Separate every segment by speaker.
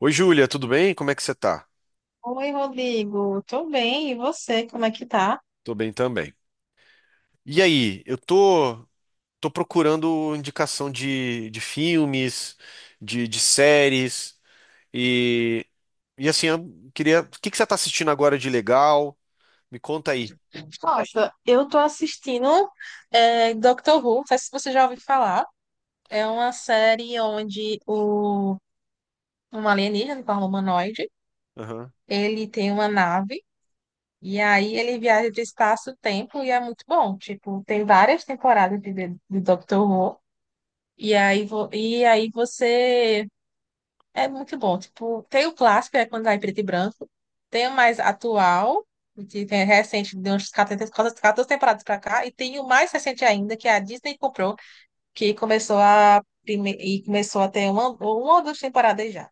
Speaker 1: Oi, Júlia, tudo bem? Como é que você tá?
Speaker 2: Oi, Rodrigo. Tô bem. E você, como é que tá?
Speaker 1: Tô bem também. E aí, tô procurando indicação de filmes, de séries, e, e assim, eu queria. O que que você tá assistindo agora de legal? Me conta aí.
Speaker 2: Nossa, eu tô assistindo Doctor Who. Não sei se você já ouviu falar. É uma série onde um alienígena, um humanoide,
Speaker 1: Aham.
Speaker 2: ele tem uma nave e aí ele viaja de espaço-tempo e é muito bom. Tipo, tem várias temporadas de Doctor Who. E aí, vo- e aí você É muito bom. Tipo, tem o clássico, é quando vai em preto e branco. Tem o mais atual, que tem recente, 14 temporadas pra cá. E tem o mais recente ainda, que é a Disney comprou, que começou e começou a ter uma ou duas temporadas já.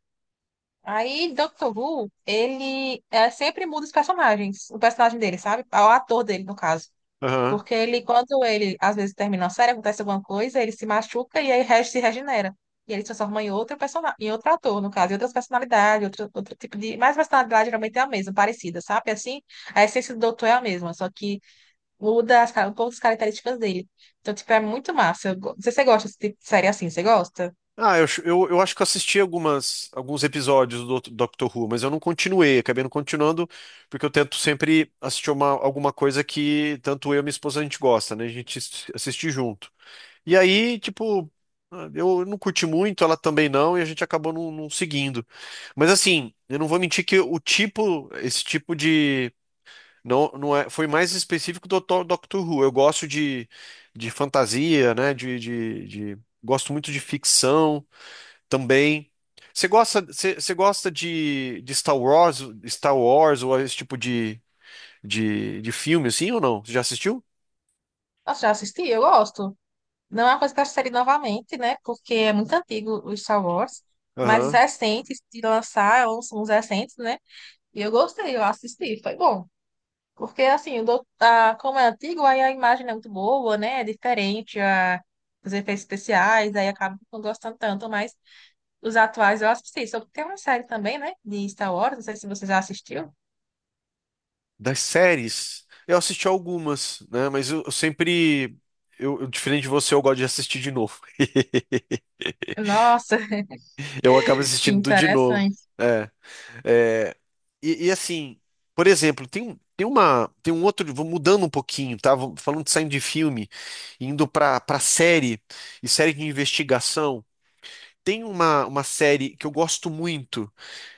Speaker 2: Aí, Doctor Who, ele é, sempre muda os personagens, o personagem dele, sabe? O ator dele, no caso.
Speaker 1: Aham.
Speaker 2: Porque ele, quando ele, às vezes, termina a série, acontece alguma coisa, ele se machuca e aí se regenera. E ele se transforma em outro personagem, em outro ator, no caso, em outras personalidades, outro, outro tipo de. Mas a personalidade geralmente é a mesma, parecida, sabe? Assim, a essência do doutor é a mesma, só que muda um pouco as características dele. Então, tipo, é muito massa. Não sei se você gosta desse tipo de série assim, você gosta?
Speaker 1: Eu acho que eu assisti alguns episódios do Doctor Who, mas eu não continuei, acabei não continuando, porque eu tento sempre assistir alguma coisa que tanto eu e minha esposa a gente gosta, né? A gente assiste junto. E aí, tipo, eu não curti muito, ela também não, e a gente acabou não seguindo. Mas assim, eu não vou mentir que o tipo, esse tipo de. Não, não é, foi mais específico do Dr Doctor Who. Eu gosto de fantasia, né? Gosto muito de ficção também. Você gosta de Star Wars, Star Wars ou esse tipo de filme, assim, ou não? Você já assistiu?
Speaker 2: Nossa, já assisti? Eu gosto. Não é uma coisa que eu assistiria novamente, né? Porque é muito antigo o Star Wars. Mas os
Speaker 1: Aham.
Speaker 2: recentes, de lançar, uns recentes, né? E eu gostei, eu assisti, foi bom. Porque, assim, como é antigo, aí a imagem não é muito boa, né? É diferente, a, os efeitos especiais, aí acaba não gostando tanto, mas os atuais eu assisti. Só que tem uma série também, né? De Star Wars, não sei se você já assistiu.
Speaker 1: Das séries, eu assisti algumas, né? Mas eu sempre. Eu, diferente de você, eu gosto de assistir de novo.
Speaker 2: Nossa,
Speaker 1: Eu acabo
Speaker 2: que
Speaker 1: assistindo tudo de novo.
Speaker 2: interessante.
Speaker 1: É, é, e assim, por exemplo, tem uma. Tem um outro. Vou mudando um pouquinho, tá? Vou falando de saindo de filme, indo pra série e série de investigação. Uma série que eu gosto muito.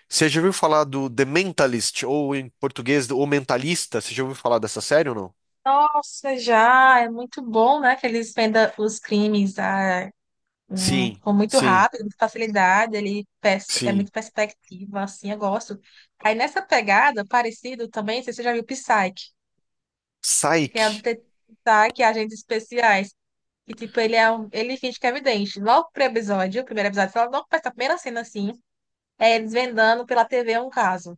Speaker 1: Você já ouviu falar do The Mentalist, ou em português, O Mentalista? Você já ouviu falar dessa série ou não?
Speaker 2: Nossa, já, é muito bom, né? Que eles vendam os crimes, a
Speaker 1: Sim,
Speaker 2: ficou muito
Speaker 1: sim,
Speaker 2: rápido, com facilidade, é
Speaker 1: sim.
Speaker 2: muito perspectiva, assim, eu gosto. Aí nessa pegada, parecido também, não sei se você já viu Psyche, que é o
Speaker 1: Psyche.
Speaker 2: detetive Psyche, agentes especiais, que tipo, ele finge que é vidente. Logo pro episódio, o primeiro episódio, sei lá, logo parece primeira cena, assim, é ele desvendando pela TV um caso.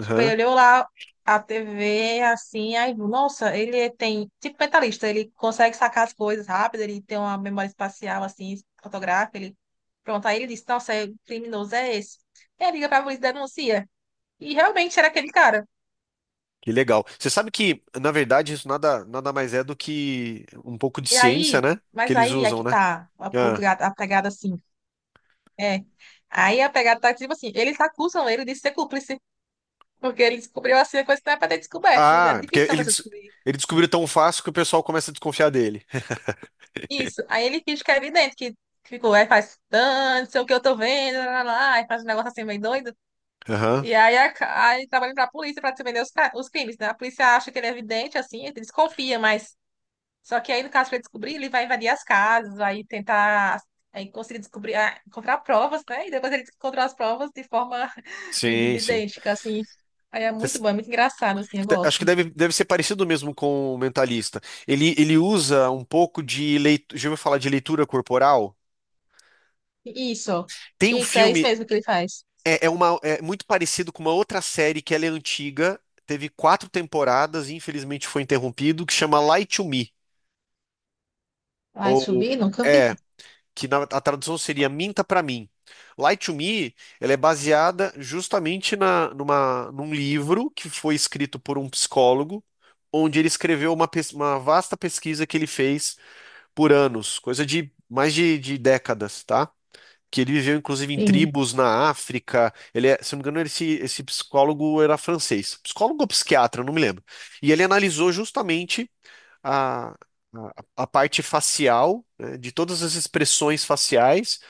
Speaker 2: Tipo, ele olhou lá a TV, assim, aí, nossa, ele tem, tipo, mentalista, ele consegue sacar as coisas rápido, ele tem uma memória espacial, assim, fotográfica, ele, pronto, aí ele disse, nossa, é, o criminoso é esse. E aí liga pra polícia e denuncia. E realmente era aquele cara.
Speaker 1: Que legal. Você sabe que, na verdade, nada mais é do que um pouco de
Speaker 2: E
Speaker 1: ciência,
Speaker 2: aí,
Speaker 1: né? Que
Speaker 2: mas
Speaker 1: eles
Speaker 2: aí, é
Speaker 1: usam,
Speaker 2: que
Speaker 1: né?
Speaker 2: tá
Speaker 1: Ah.
Speaker 2: a pegada, assim, é. Aí a pegada tá, tipo assim, eles acusam ele de ser cúmplice, porque ele descobriu, assim, a coisa que não é pra ter descoberto, era
Speaker 1: Ah,
Speaker 2: difícil pra você descobrir.
Speaker 1: ele descobriu tão fácil que o pessoal começa a desconfiar dele.
Speaker 2: Isso. Aí ele finge que é evidente que ficou, aí faz tanto, não sei o que eu tô vendo, lá, lá, lá", aí faz um negócio assim meio doido.
Speaker 1: Aham.
Speaker 2: E aí, aí trabalha pra polícia pra defender os crimes, né? A polícia acha que ele é evidente, assim, ele desconfia, mas. Só que aí, no caso, pra ele descobrir, ele vai invadir as casas, vai tentar. Aí conseguir descobrir, ah, encontrar provas, né? E depois ele encontrou as provas de forma
Speaker 1: Sim, sim.
Speaker 2: idêntica, assim. Aí é muito
Speaker 1: Esse-
Speaker 2: bom, é muito engraçado, assim, eu
Speaker 1: acho que
Speaker 2: gosto.
Speaker 1: deve ser parecido mesmo com o mentalista. Ele usa um pouco de leitura. Já ouviu falar de leitura corporal?
Speaker 2: Isso,
Speaker 1: Tem um
Speaker 2: isso, é isso
Speaker 1: filme.
Speaker 2: mesmo que ele faz.
Speaker 1: É, é muito parecido com uma outra série que ela é antiga, teve quatro temporadas e infelizmente foi interrompido, que chama Lie to Me.
Speaker 2: Ai,
Speaker 1: Ou
Speaker 2: subir? Nunca
Speaker 1: é,
Speaker 2: vi.
Speaker 1: que na, a tradução seria Minta pra mim. Lie to Me, ela é baseada justamente num livro que foi escrito por um psicólogo, onde ele escreveu uma vasta pesquisa que ele fez por anos, coisa de mais de décadas, tá? Que ele viveu inclusive em tribos na África. Ele é, se não me engano, esse psicólogo era francês, psicólogo ou psiquiatra, não me lembro. E ele analisou justamente a, a, a parte facial, né, de todas as expressões faciais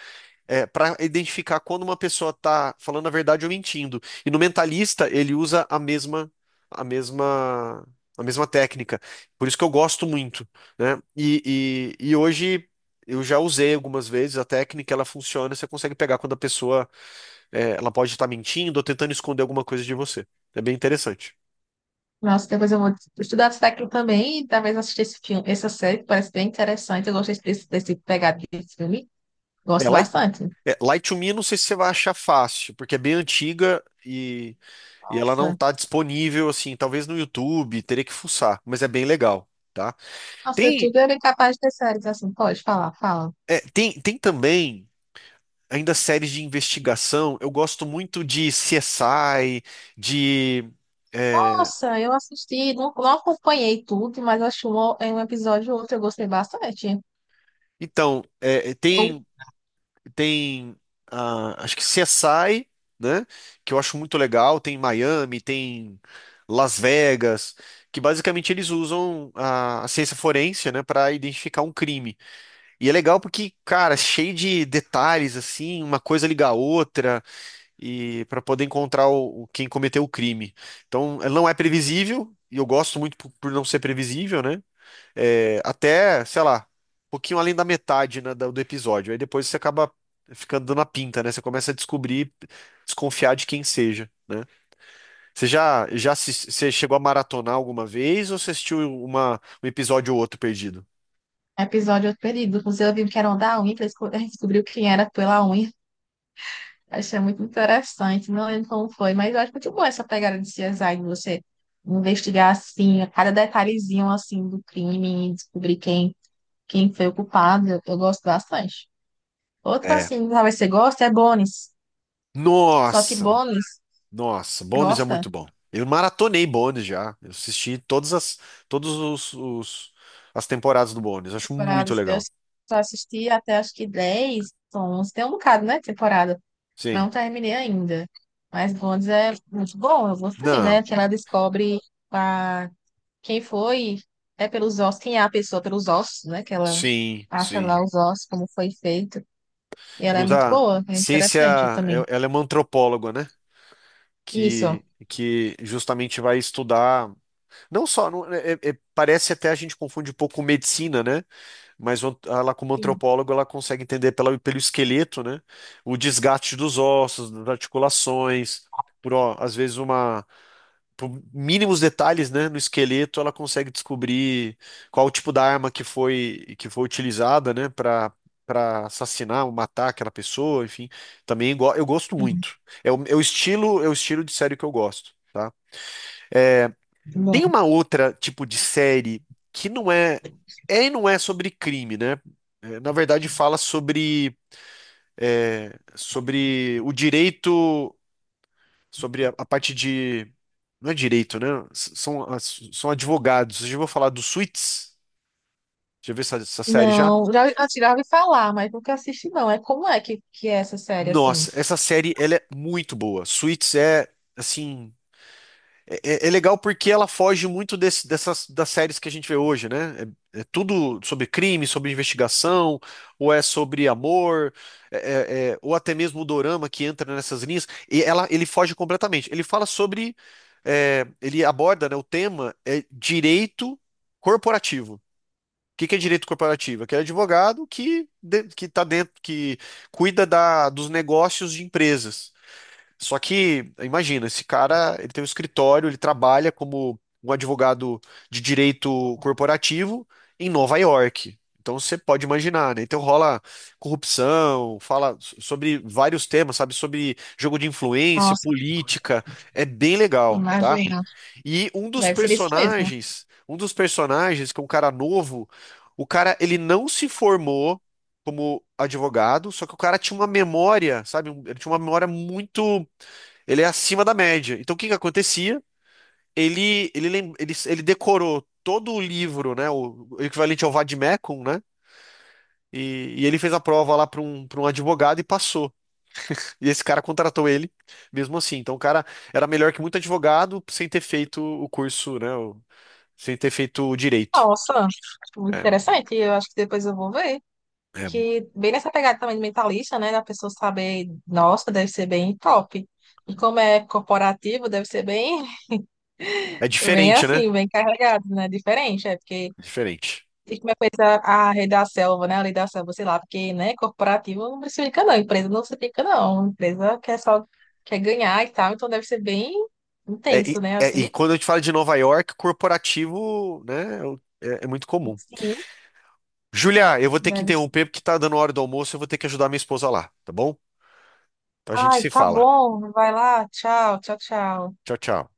Speaker 1: para identificar quando uma pessoa está falando a verdade ou mentindo. E no mentalista ele usa a mesma a mesma técnica. Por isso que eu gosto muito, né? E hoje eu já usei algumas vezes a técnica, ela funciona, você consegue pegar quando a pessoa é, ela pode estar mentindo ou tentando esconder alguma coisa de você. É bem interessante.
Speaker 2: Nossa, depois eu vou estudar isso daqui também e talvez assistir esse filme, essa série que parece bem interessante. Eu gostei desse pegado de filme. Gosto
Speaker 1: Ela,
Speaker 2: bastante.
Speaker 1: é, Light to Me, não sei se você vai achar fácil, porque é bem antiga e ela não
Speaker 2: Nossa.
Speaker 1: tá disponível, assim, talvez no YouTube, teria que fuçar, mas é bem legal, tá?
Speaker 2: Nossa, o
Speaker 1: Tem,
Speaker 2: YouTube era capaz de ter séries assim. Pode falar, fala.
Speaker 1: é, tem também ainda séries de investigação, eu gosto muito de CSI, de... é,
Speaker 2: Nossa, eu assisti, não, não acompanhei tudo, mas acho um, em um episódio ou outro eu gostei bastante.
Speaker 1: então, é,
Speaker 2: Tem
Speaker 1: Tem, ah, acho que CSI, né? Que eu acho muito legal. Tem Miami, tem Las Vegas, que basicamente eles usam a ciência forense, né, para identificar um crime. E é legal porque, cara, é cheio de detalhes assim, uma coisa liga a outra e para poder encontrar quem cometeu o crime. Então, ela não é previsível. E eu gosto muito por não ser previsível, né? É, até, sei lá, um pouquinho além da metade, né, do episódio. Aí depois você acaba ficando dando a pinta, né? Você começa a descobrir, desconfiar de quem seja, né? Você já, já assis- você chegou a maratonar alguma vez ou você assistiu um episódio ou outro perdido?
Speaker 2: um episódio perdido. Inclusive, eu vi que era um da unha, descobriu quem era pela unha. Achei muito interessante, não lembro como foi, mas eu acho muito bom essa pegada de CSI, de você investigar assim, a cada detalhezinho assim do crime, e descobrir quem foi o culpado, eu gosto bastante. Outra
Speaker 1: É.
Speaker 2: assim, talvez você gosta, é Bones. Só que
Speaker 1: Nossa,
Speaker 2: Bones
Speaker 1: nossa, Bones é
Speaker 2: gosta
Speaker 1: muito bom. Eu maratonei Bones já. Eu assisti todas as, todos os, as temporadas do Bones.
Speaker 2: de
Speaker 1: Acho muito
Speaker 2: temporadas. Eu
Speaker 1: legal.
Speaker 2: só assisti até acho que 10, 11, tem um bocado, né, temporada.
Speaker 1: Sim.
Speaker 2: Não terminei ainda. Mas Bones é muito bom, eu gostei,
Speaker 1: Não,
Speaker 2: né, que ela descobre a Quem foi é pelos ossos, quem é a pessoa pelos ossos, né? Que ela
Speaker 1: sim,
Speaker 2: acha
Speaker 1: sim.
Speaker 2: lá os ossos, como foi feito. E ela é muito
Speaker 1: Usar
Speaker 2: boa, é
Speaker 1: ciência,
Speaker 2: interessante também.
Speaker 1: é- ela é uma antropóloga, né?
Speaker 2: Isso.
Speaker 1: Que justamente vai estudar, não só, não- é- é- é, parece até a gente confunde um pouco com medicina, né? Mas o ant- ela, como
Speaker 2: Sim.
Speaker 1: antropóloga, ela consegue entender pelo esqueleto, né? O desgaste dos ossos, das articulações, por, ó, às vezes, uma por mínimos detalhes, né, no esqueleto, ela consegue descobrir qual o tipo da arma que foi utilizada, né, para assassinar ou matar aquela pessoa, enfim. Também go- eu gosto
Speaker 2: Sim.
Speaker 1: muito. É o estilo de série que eu gosto, tá? Tem
Speaker 2: Bom.
Speaker 1: uma outra tipo de série que não é é e não é sobre crime, né? É, na verdade, fala sobre é, sobre o direito sobre a parte de. Não é direito, né? S- são, as- são advogados. Eu já vou falar do Suits. Já viu essa série já?
Speaker 2: Não, já, assim, já ouvi falar, mas nunca assisti, não. É como é que é essa série, assim?
Speaker 1: Nossa, essa série ela é muito boa. Suits é assim. É, é é legal porque ela foge muito desse- dessas das séries que a gente vê hoje, né? É, é tudo sobre crime, sobre investigação, ou é sobre amor, é- é- é- ou até mesmo o dorama que entra nessas linhas. E ela, ele foge completamente. Ele fala sobre, é, ele aborda, né, o tema é direito corporativo. O que que é direito corporativo? É aquele advogado que de- que está dentro, que cuida da, dos negócios de empresas. Só que, imagina, esse cara, ele tem um escritório, ele trabalha como um advogado de direito corporativo em Nova York. Então você pode imaginar, né? Então rola corrupção, fala so- sobre vários temas, sabe? Sobre jogo de influência,
Speaker 2: Nossa,
Speaker 1: política. É bem legal, tá?
Speaker 2: imagina.
Speaker 1: E
Speaker 2: Deve ser isso mesmo.
Speaker 1: um dos personagens, que é um cara novo, o cara, ele não se formou como advogado, só que o cara tinha uma memória, sabe? Um- ele tinha uma memória muito ele é acima da média. Então, o que que acontecia? Ele decorou todo o livro, né? O equivalente ao vade-mecum, né? E ele fez a prova lá para um advogado e passou. E esse cara contratou ele, mesmo assim. Então, o cara era melhor que muito advogado sem ter feito o curso, né? O- sem ter feito o direito.
Speaker 2: Nossa, muito
Speaker 1: É,
Speaker 2: interessante. Eu acho que depois eu vou ver.
Speaker 1: é,
Speaker 2: Que bem nessa pegada também de mentalista, né, da pessoa saber, nossa, deve ser bem top. E como é corporativo, deve ser bem,
Speaker 1: é
Speaker 2: bem
Speaker 1: diferente, né?
Speaker 2: assim, bem carregado, né, diferente, é porque
Speaker 1: Diferente.
Speaker 2: e como é coisa a rede da selva, né, a lei da selva, sei lá, porque, né, corporativo não precifica não, empresa não precifica não, empresa quer só, quer ganhar e tal, então deve ser bem intenso, né,
Speaker 1: É, e
Speaker 2: assim,
Speaker 1: quando a gente fala de Nova York, corporativo, né? É, o- é é muito comum.
Speaker 2: sim,
Speaker 1: Julia, eu vou ter que
Speaker 2: deve ser.
Speaker 1: interromper porque tá dando hora do almoço, eu vou ter que ajudar minha esposa lá, tá bom? Então a gente
Speaker 2: Ai,
Speaker 1: se
Speaker 2: tá
Speaker 1: fala.
Speaker 2: bom, vai lá, tchau, tchau, tchau.
Speaker 1: Tchau, tchau.